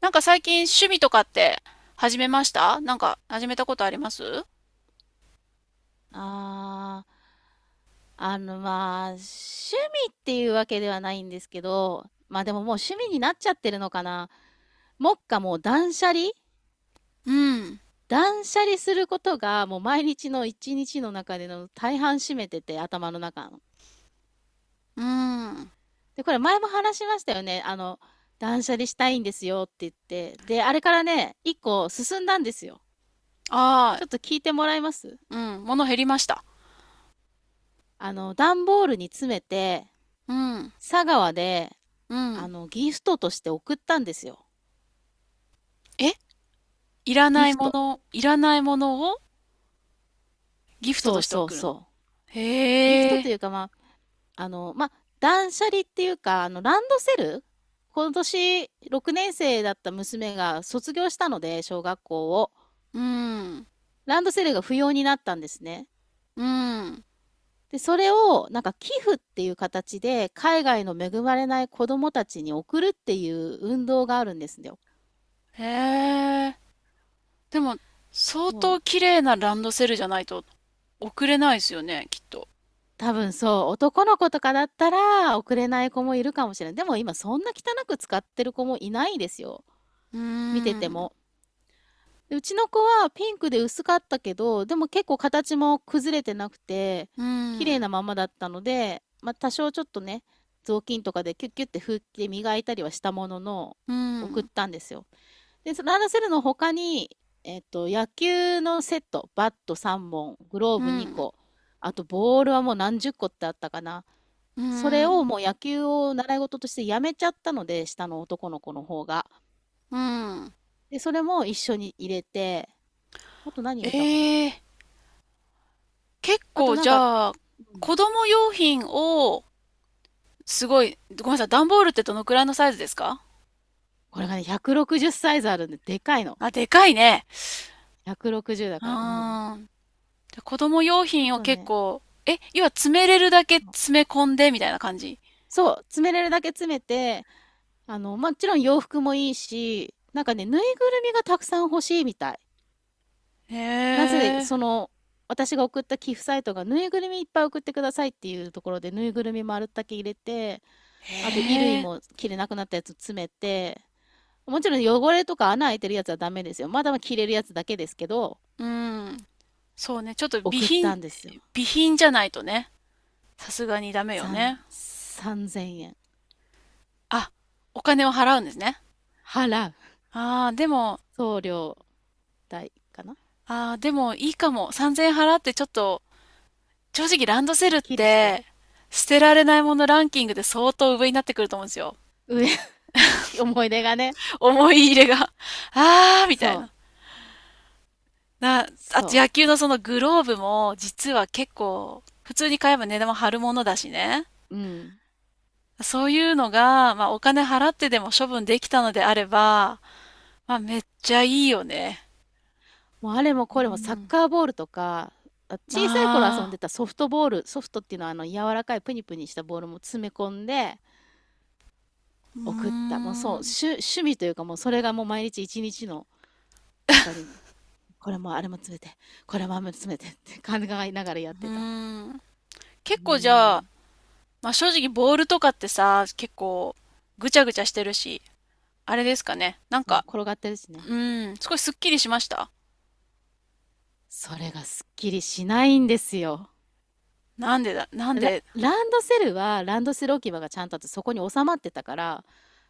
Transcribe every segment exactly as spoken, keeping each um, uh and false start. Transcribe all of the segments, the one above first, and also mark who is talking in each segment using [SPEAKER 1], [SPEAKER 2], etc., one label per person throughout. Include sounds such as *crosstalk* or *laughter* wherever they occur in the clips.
[SPEAKER 1] なんか最近趣味とかって始めました。なんか始めたことあります？
[SPEAKER 2] ああ、あの、まあ、趣味っていうわけではないんですけど、まあでももう趣味になっちゃってるのかな。目下もう断捨離
[SPEAKER 1] うん。
[SPEAKER 2] 断捨離することがもう毎日の一日の中での大半占めてて、頭の中の。
[SPEAKER 1] うん。あ
[SPEAKER 2] で、これ前も話しましたよね。あの、断捨離したいんですよって言って。で、あれからね、一個進んだんですよ。
[SPEAKER 1] あ、
[SPEAKER 2] ちょっと聞いてもらえます？
[SPEAKER 1] うん。物減りました。
[SPEAKER 2] あの、段ボールに詰めて、
[SPEAKER 1] うん。
[SPEAKER 2] 佐川で、
[SPEAKER 1] う
[SPEAKER 2] あ
[SPEAKER 1] ん。
[SPEAKER 2] の、ギフトとして送ったんですよ。
[SPEAKER 1] え、いら
[SPEAKER 2] ギ
[SPEAKER 1] ない
[SPEAKER 2] フ
[SPEAKER 1] も
[SPEAKER 2] ト。
[SPEAKER 1] の、いらないものをギフト
[SPEAKER 2] そ
[SPEAKER 1] と
[SPEAKER 2] う
[SPEAKER 1] して
[SPEAKER 2] そう
[SPEAKER 1] 送るの？
[SPEAKER 2] そう。ギフ
[SPEAKER 1] へ
[SPEAKER 2] トと
[SPEAKER 1] え。
[SPEAKER 2] いうか、まあ、あの、まあ、断捨離っていうか、あの、ランドセル、今年ろくねんせい生だった娘が卒業したので、小学校を。
[SPEAKER 1] うん。
[SPEAKER 2] ランドセルが不要になったんですね。
[SPEAKER 1] うん。
[SPEAKER 2] で、それを、なんか寄付っていう形で、海外の恵まれない子供たちに送るっていう運動があるんですよ。
[SPEAKER 1] へえ。でも、相
[SPEAKER 2] そ
[SPEAKER 1] 当
[SPEAKER 2] う。
[SPEAKER 1] 綺麗なランドセルじゃないと送れないですよね、きっと。
[SPEAKER 2] 多分そう、男の子とかだったら送れない子もいるかもしれない。でも今そんな汚く使ってる子もいないですよ。
[SPEAKER 1] うー
[SPEAKER 2] 見てて
[SPEAKER 1] ん。
[SPEAKER 2] も。で、うちの子はピンクで薄かったけど、でも結構形も崩れてなくて、
[SPEAKER 1] う
[SPEAKER 2] 綺麗
[SPEAKER 1] ん。
[SPEAKER 2] なままだったので、まあ多少ちょっとね、雑巾とかでキュッキュッて拭いて磨いたりはしたものの、
[SPEAKER 1] う
[SPEAKER 2] 送っ
[SPEAKER 1] ん。
[SPEAKER 2] たんですよ。で、そのランドセルの他に、えっと、野球のセット、バットさんぼん、グロー
[SPEAKER 1] う
[SPEAKER 2] ブ2
[SPEAKER 1] ん。
[SPEAKER 2] 個、あとボールはもう何十個ってあったかな。
[SPEAKER 1] う
[SPEAKER 2] それを
[SPEAKER 1] ん。
[SPEAKER 2] もう野球を習い事としてやめちゃったので、下の男の子の方が。
[SPEAKER 1] うん。
[SPEAKER 2] で、それも一緒に入れて、あと何入
[SPEAKER 1] え
[SPEAKER 2] れたかな。
[SPEAKER 1] え、結
[SPEAKER 2] あと
[SPEAKER 1] 構
[SPEAKER 2] なん
[SPEAKER 1] じ
[SPEAKER 2] か、
[SPEAKER 1] ゃあ、
[SPEAKER 2] うん、
[SPEAKER 1] 子供用品を、すごい、ごめんなさい、段ボールってどのくらいのサイズですか？
[SPEAKER 2] これがね、ひゃくろくじゅうサイズあるんで、でかいの。
[SPEAKER 1] あ、でかいね。
[SPEAKER 2] ひゃくろくじゅうだ
[SPEAKER 1] う
[SPEAKER 2] から、うん。
[SPEAKER 1] ーん。じゃあ子供用
[SPEAKER 2] あ
[SPEAKER 1] 品を
[SPEAKER 2] と
[SPEAKER 1] 結
[SPEAKER 2] ね、
[SPEAKER 1] 構、え、要は詰めれるだけ詰め込んでみたいな感じ？
[SPEAKER 2] そう、詰めれるだけ詰めて、あの、もちろん洋服もいいし、なんかね、ぬいぐるみがたくさん欲しいみたい。
[SPEAKER 1] へ
[SPEAKER 2] なぜ、
[SPEAKER 1] え、
[SPEAKER 2] その、私が送った寄付サイトがぬいぐるみいっぱい送ってくださいっていうところでぬいぐるみ丸だけ入れて、
[SPEAKER 1] へ
[SPEAKER 2] あと衣類
[SPEAKER 1] え、
[SPEAKER 2] も着れなくなったやつ詰めて、もちろん汚れとか穴開いてるやつはダメですよ、まだ着れるやつだけですけど、
[SPEAKER 1] うん。そうね、ちょっと備
[SPEAKER 2] 送った
[SPEAKER 1] 品、
[SPEAKER 2] んですよ。
[SPEAKER 1] 備品じゃないとね、さすがにダメよ
[SPEAKER 2] 三
[SPEAKER 1] ね。
[SPEAKER 2] さんぜんえん
[SPEAKER 1] あ、お金を払うんですね。
[SPEAKER 2] 払う、
[SPEAKER 1] ああ、でも、
[SPEAKER 2] 送料代かな。
[SPEAKER 1] ああ、でもいいかも。さんぜんえん払ってちょっと、正直ランドセ
[SPEAKER 2] す
[SPEAKER 1] ル
[SPEAKER 2] っ
[SPEAKER 1] っ
[SPEAKER 2] きりして。
[SPEAKER 1] て、捨てられないものランキングで相当上になってくると思うんですよ。
[SPEAKER 2] 上。 *laughs* 思い出がね。
[SPEAKER 1] 思い入れが。*laughs* あーみたい
[SPEAKER 2] そ
[SPEAKER 1] な。
[SPEAKER 2] う
[SPEAKER 1] な、あと
[SPEAKER 2] そ
[SPEAKER 1] 野球のそのグローブも実は結構普通に買えば値段も張るものだしね。
[SPEAKER 2] う。うん。
[SPEAKER 1] そういうのが、まあお金払ってでも処分できたのであれば、まあめっちゃいいよね。
[SPEAKER 2] もうあれも
[SPEAKER 1] う
[SPEAKER 2] これもサッ
[SPEAKER 1] ん。
[SPEAKER 2] カーボールとか、あ、小さい頃遊ん
[SPEAKER 1] あ
[SPEAKER 2] でたソフトボール、ソフトっていうのは、あの柔らかいプニプニしたボールも詰め込んで
[SPEAKER 1] ー、うー
[SPEAKER 2] 送った。もう、そう、
[SPEAKER 1] ん、う
[SPEAKER 2] 趣、趣味というか、もうそれがもう毎日一日の中にこれもあれも詰めて、これもあれも詰めてって考えながらやってた。
[SPEAKER 1] ーん。
[SPEAKER 2] う
[SPEAKER 1] 結構じゃあ、
[SPEAKER 2] ん。
[SPEAKER 1] まあ正直ボールとかってさ、結構ぐちゃぐちゃしてるし、あれですかね。なん
[SPEAKER 2] そう、
[SPEAKER 1] か、
[SPEAKER 2] 転がってるしね。
[SPEAKER 1] うん、少しすっきりしました？
[SPEAKER 2] それがすっきりしないんですよ。
[SPEAKER 1] なんでだ、なん
[SPEAKER 2] ラ
[SPEAKER 1] で、
[SPEAKER 2] ランドセルは、ランドセル置き場がちゃんとあって、そこに収まってたから、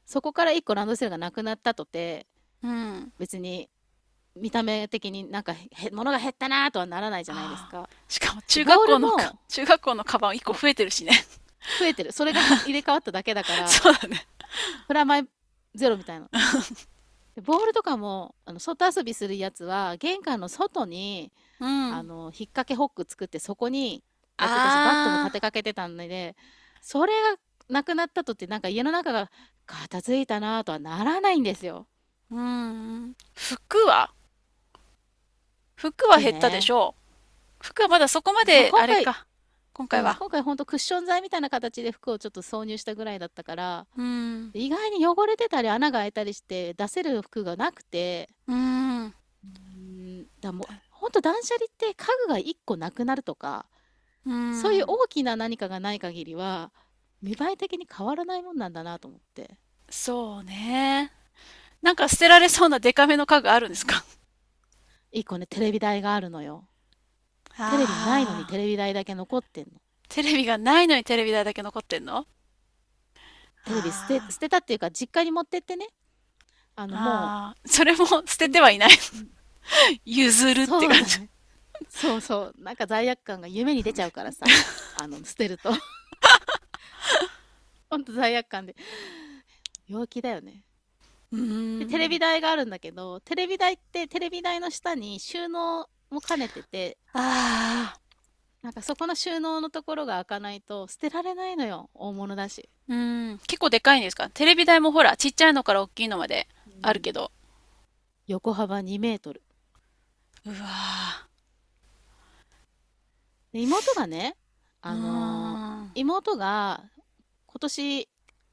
[SPEAKER 2] そこからいっこランドセルがなくなったとて、
[SPEAKER 1] うん。
[SPEAKER 2] 別に見た目的になんか、へ、物が減ったなとはならないじゃないです
[SPEAKER 1] ああ。
[SPEAKER 2] か。
[SPEAKER 1] しかも
[SPEAKER 2] で、
[SPEAKER 1] 中学
[SPEAKER 2] ボー
[SPEAKER 1] 校
[SPEAKER 2] ル
[SPEAKER 1] のか、
[SPEAKER 2] も、
[SPEAKER 1] 中学校のカバンいっこ
[SPEAKER 2] そう、
[SPEAKER 1] 増えてるしね。
[SPEAKER 2] 増えてる。それがは入れ替わっただけだか
[SPEAKER 1] *laughs*
[SPEAKER 2] ら、
[SPEAKER 1] そうだね。
[SPEAKER 2] プラマイゼロみたいな。で、ボールとかも、あの、外遊びするやつは、玄関の外に、
[SPEAKER 1] う
[SPEAKER 2] あ
[SPEAKER 1] ん。
[SPEAKER 2] の、引っ掛けホック作ってそこにやってたし、バットも
[SPEAKER 1] あ
[SPEAKER 2] 立て
[SPEAKER 1] あ、
[SPEAKER 2] かけてたので、それがなくなったとって、なんか家の中が片付いたなとはならないんですよ。
[SPEAKER 1] うん。服は、服は
[SPEAKER 2] 服
[SPEAKER 1] 減ったでし
[SPEAKER 2] ね。
[SPEAKER 1] ょう？服はまだそこま
[SPEAKER 2] まあ、
[SPEAKER 1] で、
[SPEAKER 2] 今
[SPEAKER 1] あれ
[SPEAKER 2] 回、
[SPEAKER 1] か。今回
[SPEAKER 2] うん、
[SPEAKER 1] は。
[SPEAKER 2] 今回ほんとクッション材みたいな形で服をちょっと挿入したぐらいだったから、
[SPEAKER 1] うん。
[SPEAKER 2] 意外に汚れてたり穴が開いたりして出せる服がなくて、
[SPEAKER 1] うん。
[SPEAKER 2] うん、だからもう、ほんと断捨離って家具がいっこなくなるとか、
[SPEAKER 1] う
[SPEAKER 2] そういう
[SPEAKER 1] ん。
[SPEAKER 2] 大きな何かがない限りは、見栄え的に変わらないもんなんだなと思って。
[SPEAKER 1] そうね。なんか捨てられそうなデカめの家具あるんですか？
[SPEAKER 2] 一個ね、テレビ台があるのよ。テレビないのにテ
[SPEAKER 1] あ *laughs* あー。
[SPEAKER 2] レビ台だけ残ってんの。
[SPEAKER 1] テレビがないのにテレビ台だけ残ってんの？あ
[SPEAKER 2] テレビ捨て、
[SPEAKER 1] あ
[SPEAKER 2] 捨
[SPEAKER 1] ー。
[SPEAKER 2] てたっていうか、実家に持ってってね。あの、も
[SPEAKER 1] ああ、それも *laughs* 捨
[SPEAKER 2] う、
[SPEAKER 1] て
[SPEAKER 2] い、ん、
[SPEAKER 1] てはいない。 *laughs* 譲るって
[SPEAKER 2] そう
[SPEAKER 1] 感
[SPEAKER 2] だ
[SPEAKER 1] じ。
[SPEAKER 2] ね。そうそう。なんか罪悪感が夢に出ちゃうからさ。あの、捨てると。*laughs* ほんと罪悪感で。陽気だよね。
[SPEAKER 1] う
[SPEAKER 2] で、テ
[SPEAKER 1] ー
[SPEAKER 2] レビ
[SPEAKER 1] ん。
[SPEAKER 2] 台があるんだけど、テレビ台って、テレビ台の下に収納も兼ねてて、
[SPEAKER 1] ああ、
[SPEAKER 2] なんかそこの収納のところが開かないと捨てられないのよ。大物だし。
[SPEAKER 1] うーん。結構でかいんですか？テレビ台もほら、ちっちゃいのから大きいのまで
[SPEAKER 2] う
[SPEAKER 1] ある
[SPEAKER 2] ん。
[SPEAKER 1] けど。
[SPEAKER 2] 横幅にメートル。
[SPEAKER 1] うわあ、
[SPEAKER 2] で、妹がね、
[SPEAKER 1] うー
[SPEAKER 2] あのー
[SPEAKER 1] ん。
[SPEAKER 2] 妹が今年、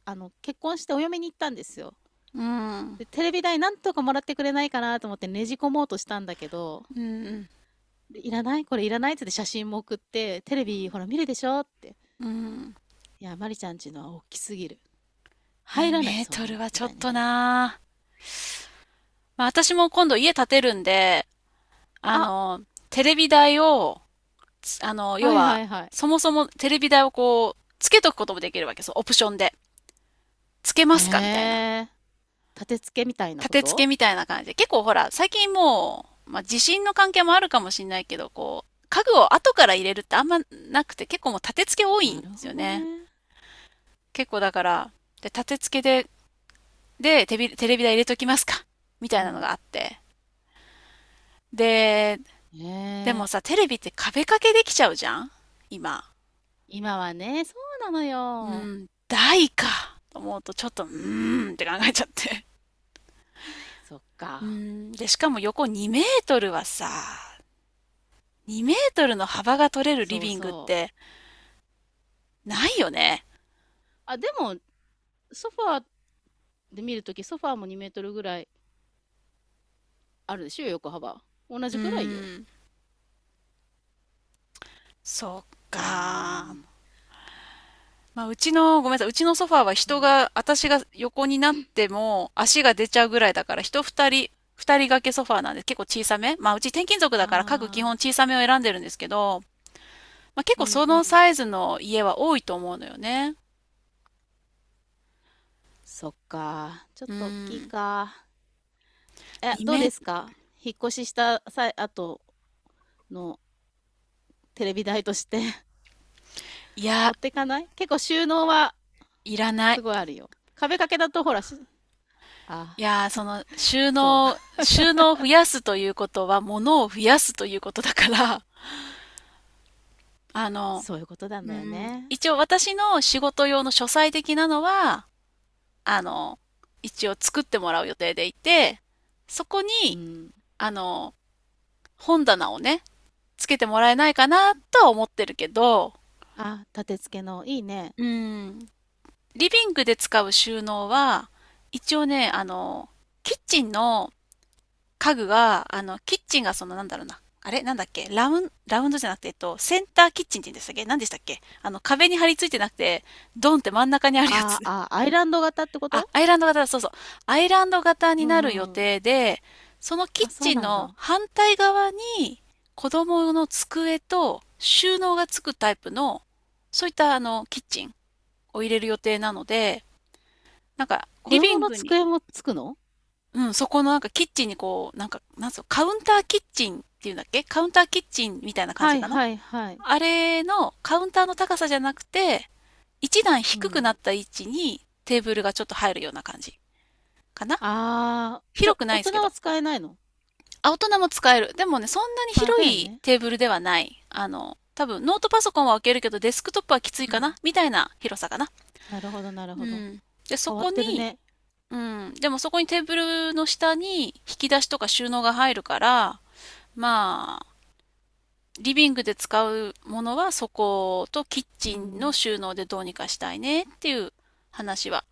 [SPEAKER 2] あの、結婚してお嫁に行ったんですよ。
[SPEAKER 1] うん。
[SPEAKER 2] で、テレビ代なんとかもらってくれないかなと思ってねじ込もうとしたんだけど、
[SPEAKER 1] うん。
[SPEAKER 2] で、いらない、これいらないっつって、写真も送って、テレビほら見るでしょって。
[SPEAKER 1] うん。
[SPEAKER 2] いや、マリちゃんちのは大きすぎる。入
[SPEAKER 1] 2
[SPEAKER 2] らない、
[SPEAKER 1] メー
[SPEAKER 2] そん
[SPEAKER 1] ト
[SPEAKER 2] な
[SPEAKER 1] ル
[SPEAKER 2] の。
[SPEAKER 1] は
[SPEAKER 2] み
[SPEAKER 1] ちょ
[SPEAKER 2] た
[SPEAKER 1] っ
[SPEAKER 2] いな。
[SPEAKER 1] となあ。まあ私も今度家建てるんで、あ
[SPEAKER 2] あ、
[SPEAKER 1] の、テレビ台を、つ、あの、
[SPEAKER 2] は
[SPEAKER 1] 要
[SPEAKER 2] いは
[SPEAKER 1] は、
[SPEAKER 2] いはい。
[SPEAKER 1] そもそもテレビ台をこう、つけとくこともできるわけです。オプションで。つけま
[SPEAKER 2] へ
[SPEAKER 1] すかみたいな。
[SPEAKER 2] え。立て付けみたいな
[SPEAKER 1] 立
[SPEAKER 2] こ
[SPEAKER 1] て付
[SPEAKER 2] と？
[SPEAKER 1] けみたいな感じで、結構ほら、最近もう、まあ、地震の関係もあるかもしれないけど、こう、家具を後から入れるってあんまなくて、結構もう立て付け多い
[SPEAKER 2] な
[SPEAKER 1] んで
[SPEAKER 2] る
[SPEAKER 1] す
[SPEAKER 2] ほ
[SPEAKER 1] よ
[SPEAKER 2] ど
[SPEAKER 1] ね。
[SPEAKER 2] ね。
[SPEAKER 1] 結構だから、で、立て付けで、で、テレビ、テレビ台入れときますか、みた
[SPEAKER 2] う
[SPEAKER 1] いなのが
[SPEAKER 2] ん。
[SPEAKER 1] あって。で、でも
[SPEAKER 2] ねえ。
[SPEAKER 1] さ、テレビって壁掛けできちゃうじゃん今。
[SPEAKER 2] 今はね、そうなの
[SPEAKER 1] う
[SPEAKER 2] よ。
[SPEAKER 1] ん、台か。と思うと、ちょっと、うーんって考えちゃって。
[SPEAKER 2] そっ
[SPEAKER 1] *laughs* う
[SPEAKER 2] か。
[SPEAKER 1] ん、で、しかも横にメートルはさ、にメートルの幅が取れるリ
[SPEAKER 2] そう
[SPEAKER 1] ビングっ
[SPEAKER 2] そう。
[SPEAKER 1] て、ないよね。
[SPEAKER 2] あ、でも、ソファーで見るとき、ソファーもにメートルぐらいあるでしょ、横幅。同
[SPEAKER 1] う
[SPEAKER 2] じくらいよ。
[SPEAKER 1] ーん。そっ
[SPEAKER 2] うー
[SPEAKER 1] か。
[SPEAKER 2] ん。
[SPEAKER 1] まあ、うちの、ごめんなさい、うちのソファーは人
[SPEAKER 2] そう。
[SPEAKER 1] が、私が横になっても足が出ちゃうぐらいだから、人二人、二人掛けソファーなんで結構小さめ。まあ、うち転勤族だから家具基本
[SPEAKER 2] ああ。
[SPEAKER 1] 小さめを選んでるんですけど、まあ、結
[SPEAKER 2] う
[SPEAKER 1] 構
[SPEAKER 2] ん
[SPEAKER 1] そ
[SPEAKER 2] う
[SPEAKER 1] の
[SPEAKER 2] ん。
[SPEAKER 1] サイズの家は多いと思うのよね。
[SPEAKER 2] そっか。ちょっ
[SPEAKER 1] うー
[SPEAKER 2] と大きい
[SPEAKER 1] ん。
[SPEAKER 2] か。え、
[SPEAKER 1] に
[SPEAKER 2] どう
[SPEAKER 1] メ、
[SPEAKER 2] ですか、引っ越しした際、後のテレビ台として *laughs*
[SPEAKER 1] いや、
[SPEAKER 2] 持ってかない？結構収納は
[SPEAKER 1] いらない。
[SPEAKER 2] すごいあるよ。壁掛けだとほらし、あ、
[SPEAKER 1] いや、その、収
[SPEAKER 2] そう、
[SPEAKER 1] 納、
[SPEAKER 2] *laughs*
[SPEAKER 1] 収納を増やすということは、物を増やすということだから、あの、
[SPEAKER 2] そういうことなん
[SPEAKER 1] う
[SPEAKER 2] だよ
[SPEAKER 1] ん、
[SPEAKER 2] ね。
[SPEAKER 1] 一応私の仕事用の書斎的なのは、あの、一応作ってもらう予定でいて、そこ
[SPEAKER 2] う
[SPEAKER 1] に、
[SPEAKER 2] ん。
[SPEAKER 1] あの、本棚をね、つけてもらえないかなとは思ってるけど、
[SPEAKER 2] あ、立て付けの、いいね。
[SPEAKER 1] うん、リビングで使う収納は、一応ね、あの、キッチンの家具が、あの、キッチンがその、なんだろうな、あれなんだっけ、ラウン、ラウンドじゃなくて、えっと、センターキッチンって言うんでしたっけ？何でしたっけ？あの、壁に張り付いてなくて、ドンって真ん中にあるや
[SPEAKER 2] あ
[SPEAKER 1] つ。
[SPEAKER 2] あ、アイランド型ってこ
[SPEAKER 1] あ、
[SPEAKER 2] と？
[SPEAKER 1] アイランド型だ、そうそう。アイランド型に
[SPEAKER 2] う
[SPEAKER 1] なる予
[SPEAKER 2] んうん。
[SPEAKER 1] 定で、そのキッ
[SPEAKER 2] あ、そう
[SPEAKER 1] チン
[SPEAKER 2] なん
[SPEAKER 1] の
[SPEAKER 2] だ。
[SPEAKER 1] 反対側に子供用の机と収納がつくタイプの、そういったあの、キッチンを入れる予定なので、なんか、
[SPEAKER 2] 子
[SPEAKER 1] リビ
[SPEAKER 2] 供
[SPEAKER 1] ン
[SPEAKER 2] の
[SPEAKER 1] グに、
[SPEAKER 2] 机もつくの？
[SPEAKER 1] うん、そこのなんかキッチンにこう、なんか、なんつうの、カウンターキッチンっていうんだっけ？カウンターキッチンみたいな感
[SPEAKER 2] は
[SPEAKER 1] じ
[SPEAKER 2] い
[SPEAKER 1] かな。
[SPEAKER 2] はいはい。
[SPEAKER 1] あれのカウンターの高さじゃなくて、一段
[SPEAKER 2] う
[SPEAKER 1] 低くな
[SPEAKER 2] ん。
[SPEAKER 1] った位置にテーブルがちょっと入るような感じかな。
[SPEAKER 2] ああ、じゃあ
[SPEAKER 1] 広くな
[SPEAKER 2] 大
[SPEAKER 1] いです
[SPEAKER 2] 人
[SPEAKER 1] けど。
[SPEAKER 2] は使えないの？
[SPEAKER 1] あ、大人も使える。でもね、そんなに
[SPEAKER 2] あ、
[SPEAKER 1] 広
[SPEAKER 2] だよ
[SPEAKER 1] い
[SPEAKER 2] ね。
[SPEAKER 1] テーブルではない。あの、多分ノートパソコンは置けるけどデスクトップはきつい
[SPEAKER 2] う
[SPEAKER 1] かな、
[SPEAKER 2] ん。
[SPEAKER 1] みたいな広さかな。
[SPEAKER 2] なるほどなる
[SPEAKER 1] う
[SPEAKER 2] ほど。
[SPEAKER 1] ん。で、そ
[SPEAKER 2] 変わっ
[SPEAKER 1] こ
[SPEAKER 2] てる
[SPEAKER 1] に、
[SPEAKER 2] ね。
[SPEAKER 1] うん。でもそこにテーブルの下に引き出しとか収納が入るから、まあ、リビングで使うものはそことキッ
[SPEAKER 2] う
[SPEAKER 1] チンの
[SPEAKER 2] ん。
[SPEAKER 1] 収納でどうにかしたいねっていう話は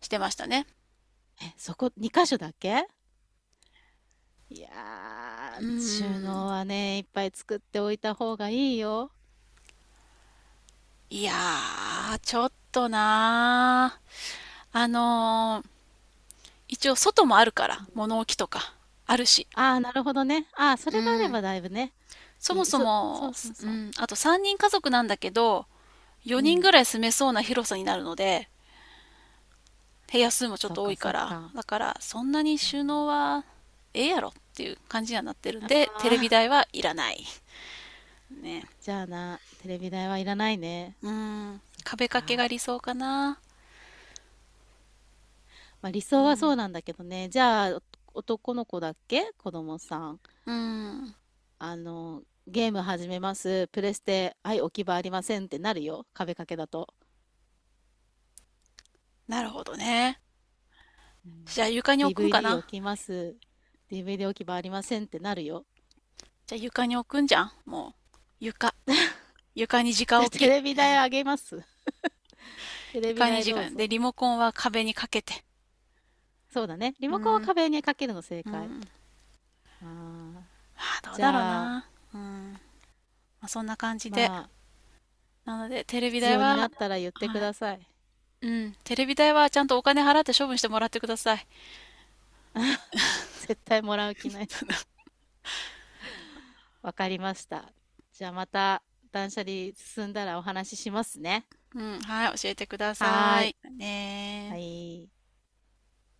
[SPEAKER 1] してましたね。
[SPEAKER 2] え、そこに箇所だけ？い
[SPEAKER 1] う
[SPEAKER 2] やー、
[SPEAKER 1] ーん。
[SPEAKER 2] 収納はね、いっぱい作っておいた方がいいよ。
[SPEAKER 1] いやー、ちょっとなー。あのー、一応外もあるから、
[SPEAKER 2] うん。
[SPEAKER 1] 物置とかあるし。
[SPEAKER 2] ああ、なるほどね。ああ、そ
[SPEAKER 1] う
[SPEAKER 2] れがあれ
[SPEAKER 1] ん。
[SPEAKER 2] ばだいぶね、
[SPEAKER 1] そ
[SPEAKER 2] い
[SPEAKER 1] も
[SPEAKER 2] い。
[SPEAKER 1] そ
[SPEAKER 2] そ、そ
[SPEAKER 1] も、
[SPEAKER 2] うそう
[SPEAKER 1] う
[SPEAKER 2] そ
[SPEAKER 1] ん、あとさんにん家族なんだけど、
[SPEAKER 2] う。う
[SPEAKER 1] よにん
[SPEAKER 2] ん。
[SPEAKER 1] ぐらい住めそうな広さになるので、部屋数もちょっ
[SPEAKER 2] そっ
[SPEAKER 1] と多
[SPEAKER 2] か
[SPEAKER 1] い
[SPEAKER 2] そ
[SPEAKER 1] か
[SPEAKER 2] っ
[SPEAKER 1] ら、
[SPEAKER 2] か。
[SPEAKER 1] だからそんなに
[SPEAKER 2] うん。
[SPEAKER 1] 収納はええやろっていう感じにはなってるん
[SPEAKER 2] あ
[SPEAKER 1] で、テレビ
[SPEAKER 2] あ、
[SPEAKER 1] 台はいらない。ね。
[SPEAKER 2] じゃあな、テレビ台はいらないね。
[SPEAKER 1] うん、
[SPEAKER 2] そっ
[SPEAKER 1] 壁掛けが
[SPEAKER 2] か。
[SPEAKER 1] 理想かな。
[SPEAKER 2] まあ理
[SPEAKER 1] う
[SPEAKER 2] 想はそ
[SPEAKER 1] ん、
[SPEAKER 2] うなんだけどね。じゃあ、お男の子だっけ子供さん？
[SPEAKER 1] うん、
[SPEAKER 2] あの、ゲーム始めます。プレステ、はい、置き場ありませんってなるよ。壁掛けだと。
[SPEAKER 1] なるほどね。
[SPEAKER 2] う
[SPEAKER 1] じゃあ
[SPEAKER 2] ん
[SPEAKER 1] 床に置くんか
[SPEAKER 2] ディーブイディー 置
[SPEAKER 1] な。
[SPEAKER 2] きます。ディーブイディー 置き場ありませんってなるよ。
[SPEAKER 1] じゃあ床に置くんじゃん。もう、床。床に
[SPEAKER 2] *laughs* じ
[SPEAKER 1] 直
[SPEAKER 2] ゃあテ
[SPEAKER 1] 置き。
[SPEAKER 2] レビ台あげます。*laughs* テレビ
[SPEAKER 1] 床に
[SPEAKER 2] 台
[SPEAKER 1] 時
[SPEAKER 2] どう
[SPEAKER 1] 間。
[SPEAKER 2] ぞ。
[SPEAKER 1] で、リモコンは壁にかけて。
[SPEAKER 2] そうだね。リ
[SPEAKER 1] う
[SPEAKER 2] モコンは
[SPEAKER 1] ん、
[SPEAKER 2] 壁にかけるの正
[SPEAKER 1] う
[SPEAKER 2] 解。
[SPEAKER 1] ん。
[SPEAKER 2] ああ、
[SPEAKER 1] あ、どう
[SPEAKER 2] じ
[SPEAKER 1] だろう
[SPEAKER 2] ゃあ、
[SPEAKER 1] な。うん。まあ、そんな感じ
[SPEAKER 2] ま
[SPEAKER 1] で。
[SPEAKER 2] あ、
[SPEAKER 1] なので、テレビ
[SPEAKER 2] 必
[SPEAKER 1] 台
[SPEAKER 2] 要に
[SPEAKER 1] は、
[SPEAKER 2] なったら言ってく
[SPEAKER 1] はい。
[SPEAKER 2] ださい。
[SPEAKER 1] うん。テレビ台はちゃんとお金払って処分してもらってください。
[SPEAKER 2] *laughs* 絶対もらう気ない。*laughs* わかりました。じゃあまた断捨離進んだらお話ししますね。
[SPEAKER 1] うん。はい。教えてくだ
[SPEAKER 2] は
[SPEAKER 1] さ
[SPEAKER 2] ーい。
[SPEAKER 1] い。
[SPEAKER 2] は
[SPEAKER 1] ねー。
[SPEAKER 2] い。